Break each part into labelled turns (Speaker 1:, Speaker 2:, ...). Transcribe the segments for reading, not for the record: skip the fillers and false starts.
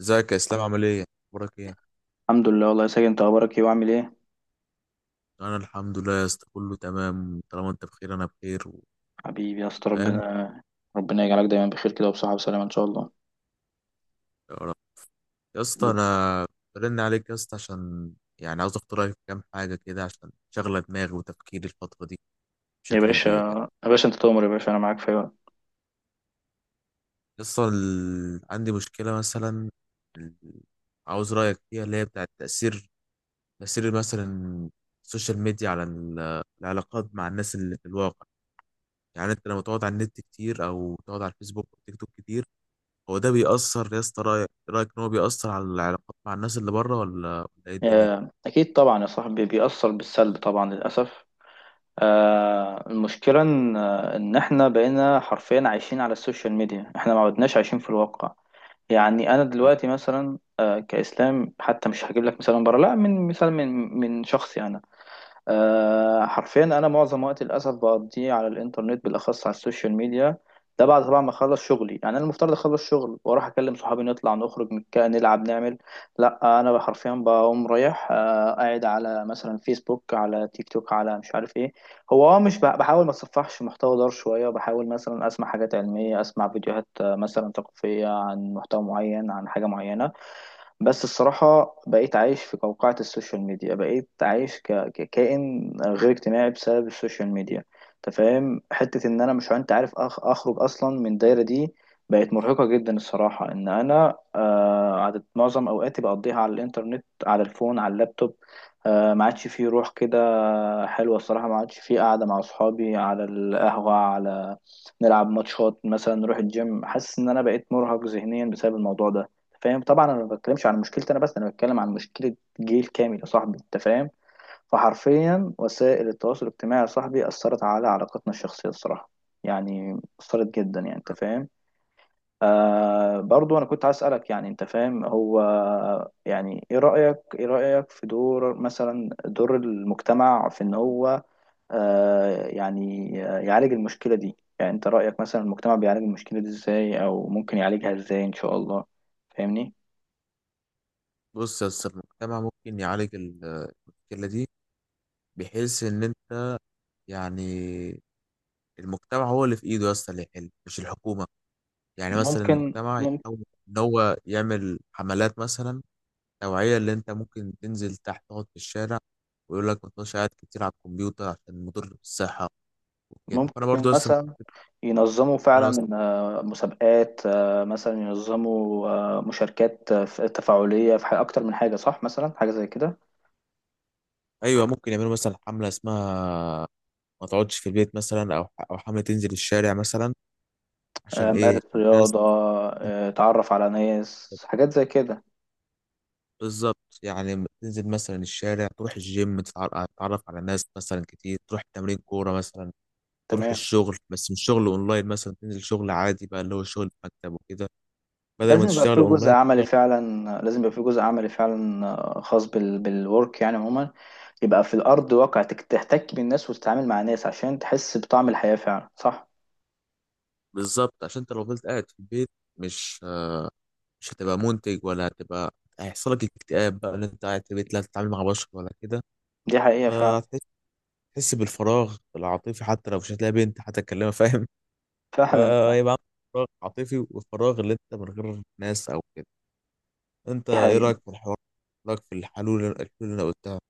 Speaker 1: ازيك يا اسلام؟ عامل ايه؟ اخبارك ايه؟
Speaker 2: الحمد لله، والله يا ساجد. انت اخبارك ايه وعامل ايه؟
Speaker 1: انا الحمد لله يا اسطى، كله تمام. طالما انت بخير انا بخير
Speaker 2: حبيبي يا اسطى.
Speaker 1: فاهم.
Speaker 2: ربنا، ربنا يجعلك دايما بخير كده، وبصحة وسلامة ان شاء الله.
Speaker 1: يا رب. يا اسطى
Speaker 2: حبيبي.
Speaker 1: انا برن عليك يا اسطى عشان يعني عاوز اخد رايك في كام حاجه كده، عشان شغله دماغي وتفكيري الفتره دي
Speaker 2: يا
Speaker 1: بشكل
Speaker 2: باشا،
Speaker 1: كبير يعني.
Speaker 2: يا باشا، انت تؤمر يا باشا، انا معاك في أي وقت.
Speaker 1: يا اسطى عندي مشكله مثلا، ال- عاوز رايك فيها، اللي هي بتاعت تاثير، تاثير مثلا السوشيال ميديا على العلاقات مع الناس اللي في الواقع. يعني انت لما تقعد على النت كتير، او تقعد على الفيسبوك والتيك توك كتير، هو ده بيأثر يا اسطى؟ رأيك إن هو بيأثر على العلاقات مع الناس اللي بره، ولا إيه الدنيا؟
Speaker 2: اكيد طبعا يا صاحبي، بيأثر بالسلب طبعا للاسف. المشكلة ان احنا بقينا حرفيا عايشين على السوشيال ميديا، احنا ما عدناش عايشين في الواقع. يعني انا
Speaker 1: يعني
Speaker 2: دلوقتي مثلا كإسلام حتى، مش هجيب لك مثال من بره، لا، من مثال من شخصي انا. حرفيا انا معظم وقتي للاسف بقضيه على الانترنت، بالاخص على السوشيال ميديا. ده بعد طبعا ما اخلص شغلي. يعني انا المفترض اخلص شغل واروح اكلم صحابي، نطلع نخرج نلعب نعمل. لا، انا حرفيا بقوم رايح قاعد على مثلا فيسبوك، على تيك توك، على مش عارف ايه. هو مش بحاول ما اتصفحش محتوى دار شويه، بحاول مثلا اسمع حاجات علميه، اسمع فيديوهات مثلا ثقافيه، عن محتوى معين، عن حاجه معينه. بس الصراحة بقيت عايش في قوقعة السوشيال ميديا، بقيت عايش ككائن غير اجتماعي بسبب السوشيال ميديا. انت فاهم حتة ان انا مش، انت عارف، اخرج اصلا من الدايرة دي. بقت مرهقة جدا الصراحة، ان انا عدد معظم اوقاتي بقضيها على الانترنت، على الفون، على اللابتوب. ما عادش فيه روح كده حلوة الصراحة، ما عادش فيه قعدة مع اصحابي على القهوة، على نلعب ماتشات مثلا، نروح الجيم. حاسس ان انا بقيت مرهق ذهنيا بسبب الموضوع ده، فاهم طبعا. انا ما بتكلمش عن مشكلتي انا بس، انا بتكلم عن مشكله جيل كامل يا صاحبي، انت فاهم. فحرفيا وسائل التواصل الاجتماعي يا صاحبي اثرت على علاقتنا الشخصيه الصراحه، يعني اثرت جدا، يعني انت فاهم. برضو انا كنت عايز اسالك، يعني انت فاهم هو، يعني ايه رايك، ايه رايك في دور مثلا، دور المجتمع في ان هو يعني يعالج المشكله دي. يعني انت رايك مثلا المجتمع بيعالج المشكله دي ازاي، او ممكن يعالجها ازاي ان شاء الله؟ فاهمني؟
Speaker 1: بص يا اسطى، المجتمع ممكن يعالج المشكلة دي بحيث إن أنت يعني، المجتمع هو اللي في إيده يا اسطى اللي يحل، مش الحكومة. يعني مثلا
Speaker 2: ممكن
Speaker 1: المجتمع
Speaker 2: ممكن
Speaker 1: يحاول إن هو يعمل حملات مثلا توعية، اللي أنت ممكن تنزل تحت تقعد في الشارع ويقول لك ما تبقاش قاعد كتير على الكمبيوتر عشان مضر بالصحة وكده. فأنا برضو
Speaker 2: ممكن
Speaker 1: يا اسطى،
Speaker 2: مثلا ينظموا
Speaker 1: أنا مثلا،
Speaker 2: فعلا مسابقات، مثلا ينظموا مشاركات، تفاعلية في أكتر من حاجة صح، مثلا حاجة زي كده.
Speaker 1: أيوه ممكن يعملوا مثلا حملة اسمها ما تقعدش في البيت مثلا، او او حامل تنزل الشارع مثلا عشان ايه
Speaker 2: مارس
Speaker 1: الناس.
Speaker 2: رياضة، اتعرف على ناس، حاجات زي كده.
Speaker 1: بالظبط، يعني تنزل مثلا الشارع، تروح الجيم، تتعرف على ناس مثلا كتير، تروح تمرين كورة مثلا، تروح
Speaker 2: تمام.
Speaker 1: الشغل، بس مش شغل اونلاين، مثلا تنزل شغل عادي بقى اللي هو شغل في مكتب وكده، بدل ما
Speaker 2: لازم يبقى
Speaker 1: تشتغل
Speaker 2: فيه جزء
Speaker 1: اونلاين
Speaker 2: عملي فعلا، لازم يبقى فيه جزء عملي فعلا، خاص بالورك يعني عموما. يبقى في الأرض واقع، تحتك بالناس وتتعامل مع ناس عشان تحس بطعم الحياة فعلا، صح.
Speaker 1: بالظبط. عشان انت لو فضلت قاعد في البيت، مش مش هتبقى منتج ولا هيحصل لك اكتئاب بقى ان انت قاعد في البيت لا تتعامل مع بشر ولا كده،
Speaker 2: دي حقيقة فعلا.
Speaker 1: فهتحس، تحس بالفراغ العاطفي، حتى لو مش هتلاقي بنت هتكلمها، فاهم؟
Speaker 2: فعلا، فعلا.
Speaker 1: فيبقى عندك فراغ عاطفي، والفراغ اللي انت من غير ناس او كده. انت
Speaker 2: دي
Speaker 1: ايه
Speaker 2: حقيقة.
Speaker 1: رايك في الحوار؟ رايك في الحلول اللي انا قلتها؟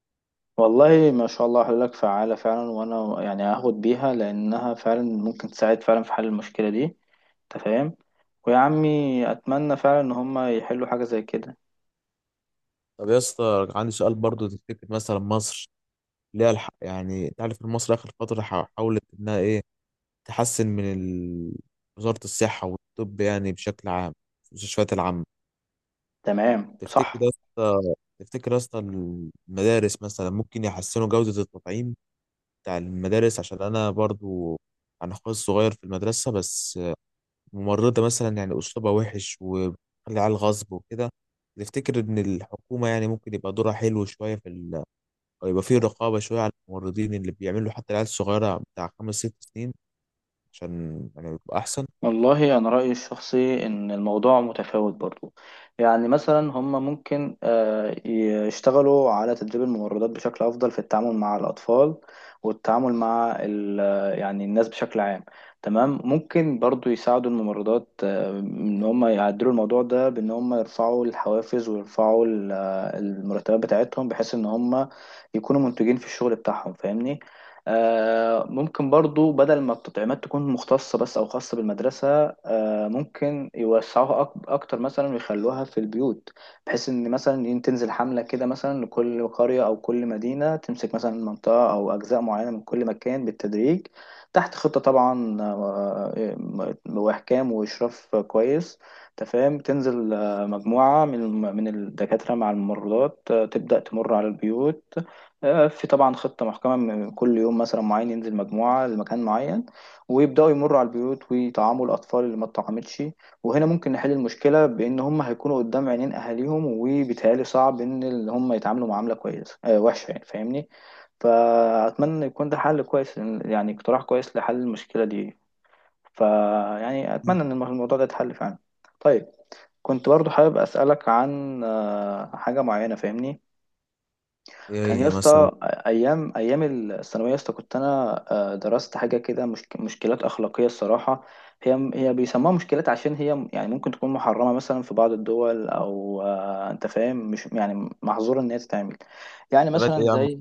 Speaker 2: والله ما شاء الله حلولك فعالة فعلا، وأنا يعني هاخد بيها لأنها فعلا ممكن تساعد فعلا في حل المشكلة دي، أنت فاهم. ويا عمي أتمنى فعلا إن هما يحلوا حاجة زي كده.
Speaker 1: طب يا اسطى، عندي سؤال برضو. تفتكر مثلا مصر ليها يعني انت عارف ان مصر اخر فتره حاولت انها ايه تحسن من وزاره الصحه والطب يعني بشكل عام، المستشفيات العامه.
Speaker 2: تمام،
Speaker 1: تفتكر
Speaker 2: صح.
Speaker 1: يا اسطى تفتكر يا اسطى المدارس مثلا ممكن يحسنوا جوده التطعيم بتاع المدارس؟ عشان انا برضو، انا اخويا الصغير في المدرسه، بس ممرضة مثلا يعني أسلوبها وحش وبتخلي على الغصب وكده. تفتكر إن الحكومة يعني ممكن يبقى دورها حلو شوية في ال...، أو يبقى فيه رقابة شوية على الممرضين اللي بيعملوا حتى العيال الصغيرة بتاع 5 6 سنين، عشان يعني يبقى أحسن.
Speaker 2: والله أنا رأيي الشخصي إن الموضوع متفاوت برضو. يعني مثلا هم ممكن يشتغلوا على تدريب الممرضات بشكل أفضل في التعامل مع الأطفال، والتعامل مع يعني الناس بشكل عام. تمام، ممكن برضو يساعدوا الممرضات إن هم يعدلوا الموضوع ده بإن هم يرفعوا الحوافز، ويرفعوا المرتبات بتاعتهم، بحيث إن هم يكونوا منتجين في الشغل بتاعهم، فاهمني. ممكن برضو بدل ما التطعيمات تكون مختصة بس أو خاصة بالمدرسة، ممكن يوسعوها أكتر مثلا، ويخلوها في البيوت، بحيث إن مثلا تنزل حملة كده مثلا لكل قرية أو كل مدينة، تمسك مثلا منطقة أو أجزاء معينة من كل مكان بالتدريج، تحت خطة طبعا، وإحكام وإشراف كويس، تفهم. تنزل مجموعة من من الدكاترة مع الممرضات، تبدأ تمر على البيوت، في طبعا خطة محكمة، من كل يوم مثلا معين ينزل مجموعة لمكان معين، ويبدأوا يمروا على البيوت ويطعموا الأطفال اللي ما اتطعمتش. وهنا ممكن نحل المشكلة بإن هم هيكونوا قدام عينين أهاليهم، وبيتهيألي صعب إن اللي هم يتعاملوا معاملة كويسة وحشة، يعني فاهمني. فأتمنى يكون ده حل كويس، يعني اقتراح كويس لحل المشكلة دي. فيعني أتمنى إن الموضوع ده يتحل فعلا. طيب، كنت برضو حابب أسألك عن حاجة معينة، فاهمني. كان
Speaker 1: إيه
Speaker 2: يا
Speaker 1: هي مثلا
Speaker 2: اسطى ايام، ايام الثانويه يا اسطى، كنت انا درست حاجه كده، مشكلات اخلاقيه الصراحه. هي بيسموها مشكلات عشان هي، يعني ممكن تكون محرمه مثلا في بعض الدول، او انت فاهم، مش يعني محظور ان هي تتعمل. يعني
Speaker 1: دلوقتي
Speaker 2: مثلا
Speaker 1: إيه يا عم؟
Speaker 2: زي،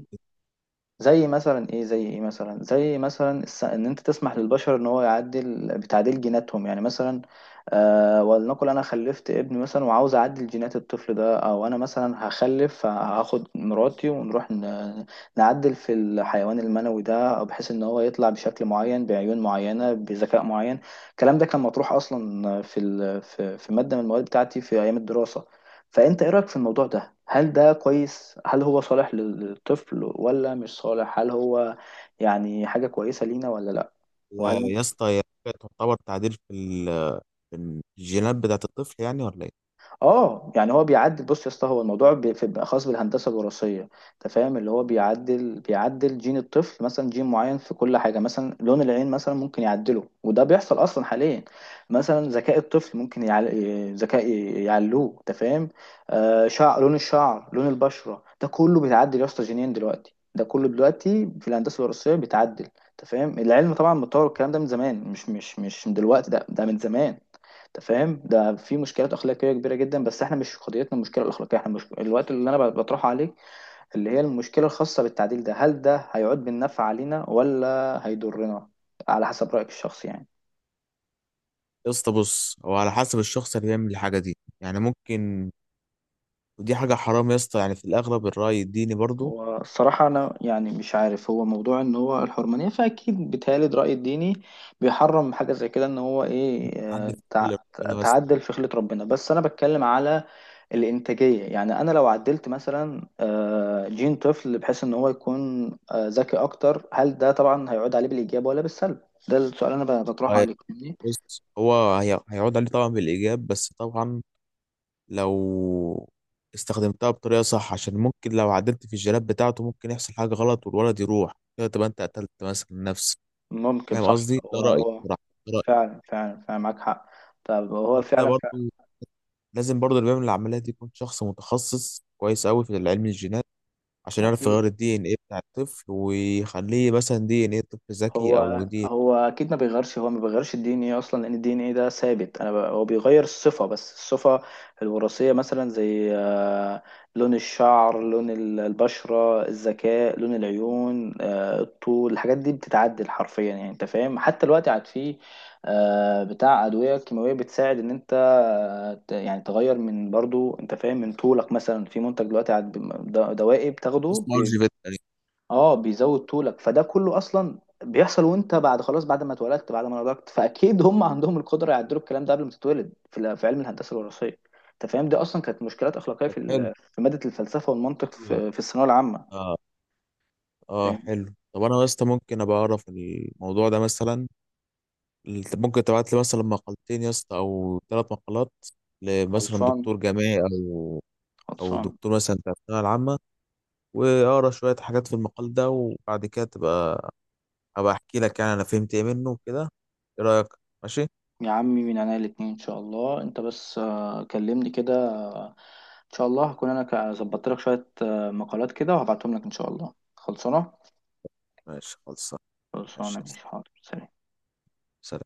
Speaker 2: زي مثلا ايه، زي ايه مثلا، زي مثلا ان انت تسمح للبشر ان هو يعدل بتعديل جيناتهم، يعني مثلا ولنقل انا خلفت ابن مثلا وعاوز اعدل جينات الطفل ده، او انا مثلا هخلف، هاخد مراتي ونروح نعدل في الحيوان المنوي ده، أو بحيث ان هو يطلع بشكل معين، بعيون معينة، بذكاء معين. الكلام ده كان مطروح اصلا في في مادة من المواد بتاعتي في ايام الدراسة. فأنت إيه رأيك في الموضوع ده؟ هل ده كويس؟ هل هو صالح للطفل ولا مش صالح؟ هل هو يعني حاجة كويسة لينا ولا لأ؟
Speaker 1: يا
Speaker 2: وهل
Speaker 1: يا
Speaker 2: ممكن؟
Speaker 1: اسطى هي حاجة تعتبر تعديل في، ال...، في الجينات بتاعة الطفل يعني ولا إيه؟
Speaker 2: اه، يعني هو بيعدل. بص يا اسطى، هو الموضوع بيبقى خاص بالهندسه الوراثيه. انت فاهم، اللي هو بيعدل، بيعدل جين الطفل مثلا، جين معين في كل حاجه، مثلا لون العين مثلا ممكن يعدله، وده بيحصل اصلا حاليا. مثلا ذكاء الطفل ممكن ذكاء يعلوه، انت فاهم. آه، شعر، لون الشعر، لون البشره، ده كله بيتعدل يا اسطى جينيا دلوقتي، ده كله دلوقتي في الهندسه الوراثيه بيتعدل. انت فاهم، العلم طبعا متطور، الكلام ده من زمان، مش من دلوقتي ده، ده من زمان. انت فاهم، ده في مشكلات اخلاقيه كبيره جدا، بس احنا مش قضيتنا المشكله الاخلاقيه، احنا مش الوقت اللي انا بطرحه عليك، اللي هي المشكله الخاصه بالتعديل ده. هل ده هيعود بالنفع علينا ولا هيضرنا؟ على حسب رايك الشخصي يعني.
Speaker 1: يا اسطى بص، هو على حسب الشخص اللي بيعمل الحاجة دي، يعني ممكن، ودي حاجة حرام يا اسطى يعني في الأغلب، الرأي الديني برضو
Speaker 2: هو الصراحة أنا يعني مش عارف، هو موضوع إن هو الحرمانية، فأكيد بيتهيألي الرأي الديني بيحرم حاجة زي كده، إن هو إيه،
Speaker 1: تعدل في حل ربنا، بس
Speaker 2: تعدل في خلقة ربنا. بس أنا بتكلم على الإنتاجية. يعني أنا لو عدلت مثلا جين طفل بحيث إن هو يكون ذكي أكتر، هل ده طبعا هيعود عليه بالإيجاب ولا بالسلب؟ ده السؤال أنا بطرحه عليك، فاهمني؟
Speaker 1: بص، هيعود عليه طبعا بالإيجاب، بس طبعا لو استخدمتها بطريقة صح، عشان ممكن لو عدلت في الجلاب بتاعته ممكن يحصل حاجة غلط والولد يروح كده، تبقى أنت قتلت مثلا نفسك.
Speaker 2: ممكن،
Speaker 1: فاهم
Speaker 2: صح.
Speaker 1: قصدي؟ ده
Speaker 2: هو
Speaker 1: رأيي
Speaker 2: هو
Speaker 1: بصراحة، ده رأيي.
Speaker 2: فعلا، فعلا، فعلا معاك حق. طب هو
Speaker 1: فأنت
Speaker 2: فعلا، فعلا.
Speaker 1: برضه لازم برضه اللي بيعمل العملية دي يكون شخص متخصص كويس أوي في علم الجينات، عشان يعرف
Speaker 2: أكيد.
Speaker 1: يغير الدي إن إيه بتاع الطفل ويخليه مثلا دي إن إيه طفل ذكي، أو
Speaker 2: هو
Speaker 1: دي
Speaker 2: هو اكيد ما بيغيرش، هو ما بيغيرش الدي ان ايه اصلا، لان الدي ان ايه ده ثابت. انا هو بيغير الصفه، بس الصفه الوراثيه، مثلا زي لون الشعر، لون البشره، الذكاء، لون العيون، الطول، الحاجات دي بتتعدل حرفيا، يعني انت فاهم. حتى الوقت عاد فيه بتاع ادويه كيماويه بتساعد ان انت يعني تغير من برضو، انت فاهم، من طولك. مثلا في منتج دلوقتي عاد دوائي بتاخده،
Speaker 1: اسمه أرجيفيت يعني.
Speaker 2: اه بيزود طولك. فده كله اصلا بيحصل وانت بعد خلاص، بعد ما اتولدت، بعد ما نضجت، فاكيد هم عندهم القدره يعدلوا الكلام ده قبل ما تتولد، في في علم الهندسه الوراثيه. انت فاهم، دي اصلا كانت مشكلات اخلاقيه
Speaker 1: طب
Speaker 2: في
Speaker 1: حلو،
Speaker 2: في ماده الفلسفه والمنطق،
Speaker 1: حلو يعني.
Speaker 2: في الثانويه العامه.
Speaker 1: آه. اه
Speaker 2: فاهم.
Speaker 1: حلو. طب انا يا اسطى ممكن ابقى اعرف الموضوع ده مثلا؟ ممكن تبعت لي مثلا مقالتين يا اسطى، او 3 مقالات لمثلا
Speaker 2: خلصان،
Speaker 1: دكتور جامعي، او
Speaker 2: خلصان.
Speaker 1: دكتور مثلا بتاع الثانويه العامه، واقرا شويه حاجات في المقال ده، وبعد كده تبقى ابقى احكي لك يعني انا فهمت ايه منه وكده. ايه رايك؟ ماشي؟
Speaker 2: يا عمي، من عينيا الاتنين ان شاء الله. انت بس كلمني كده، ان شاء الله هكون انا ظبطت لك شويه مقالات كده وهبعتهم لك ان شاء الله. خلصانه،
Speaker 1: ماشي خلصان. ماشي
Speaker 2: خلصانه،
Speaker 1: يا
Speaker 2: ماشي، حاضر، سلام.
Speaker 1: اسطى.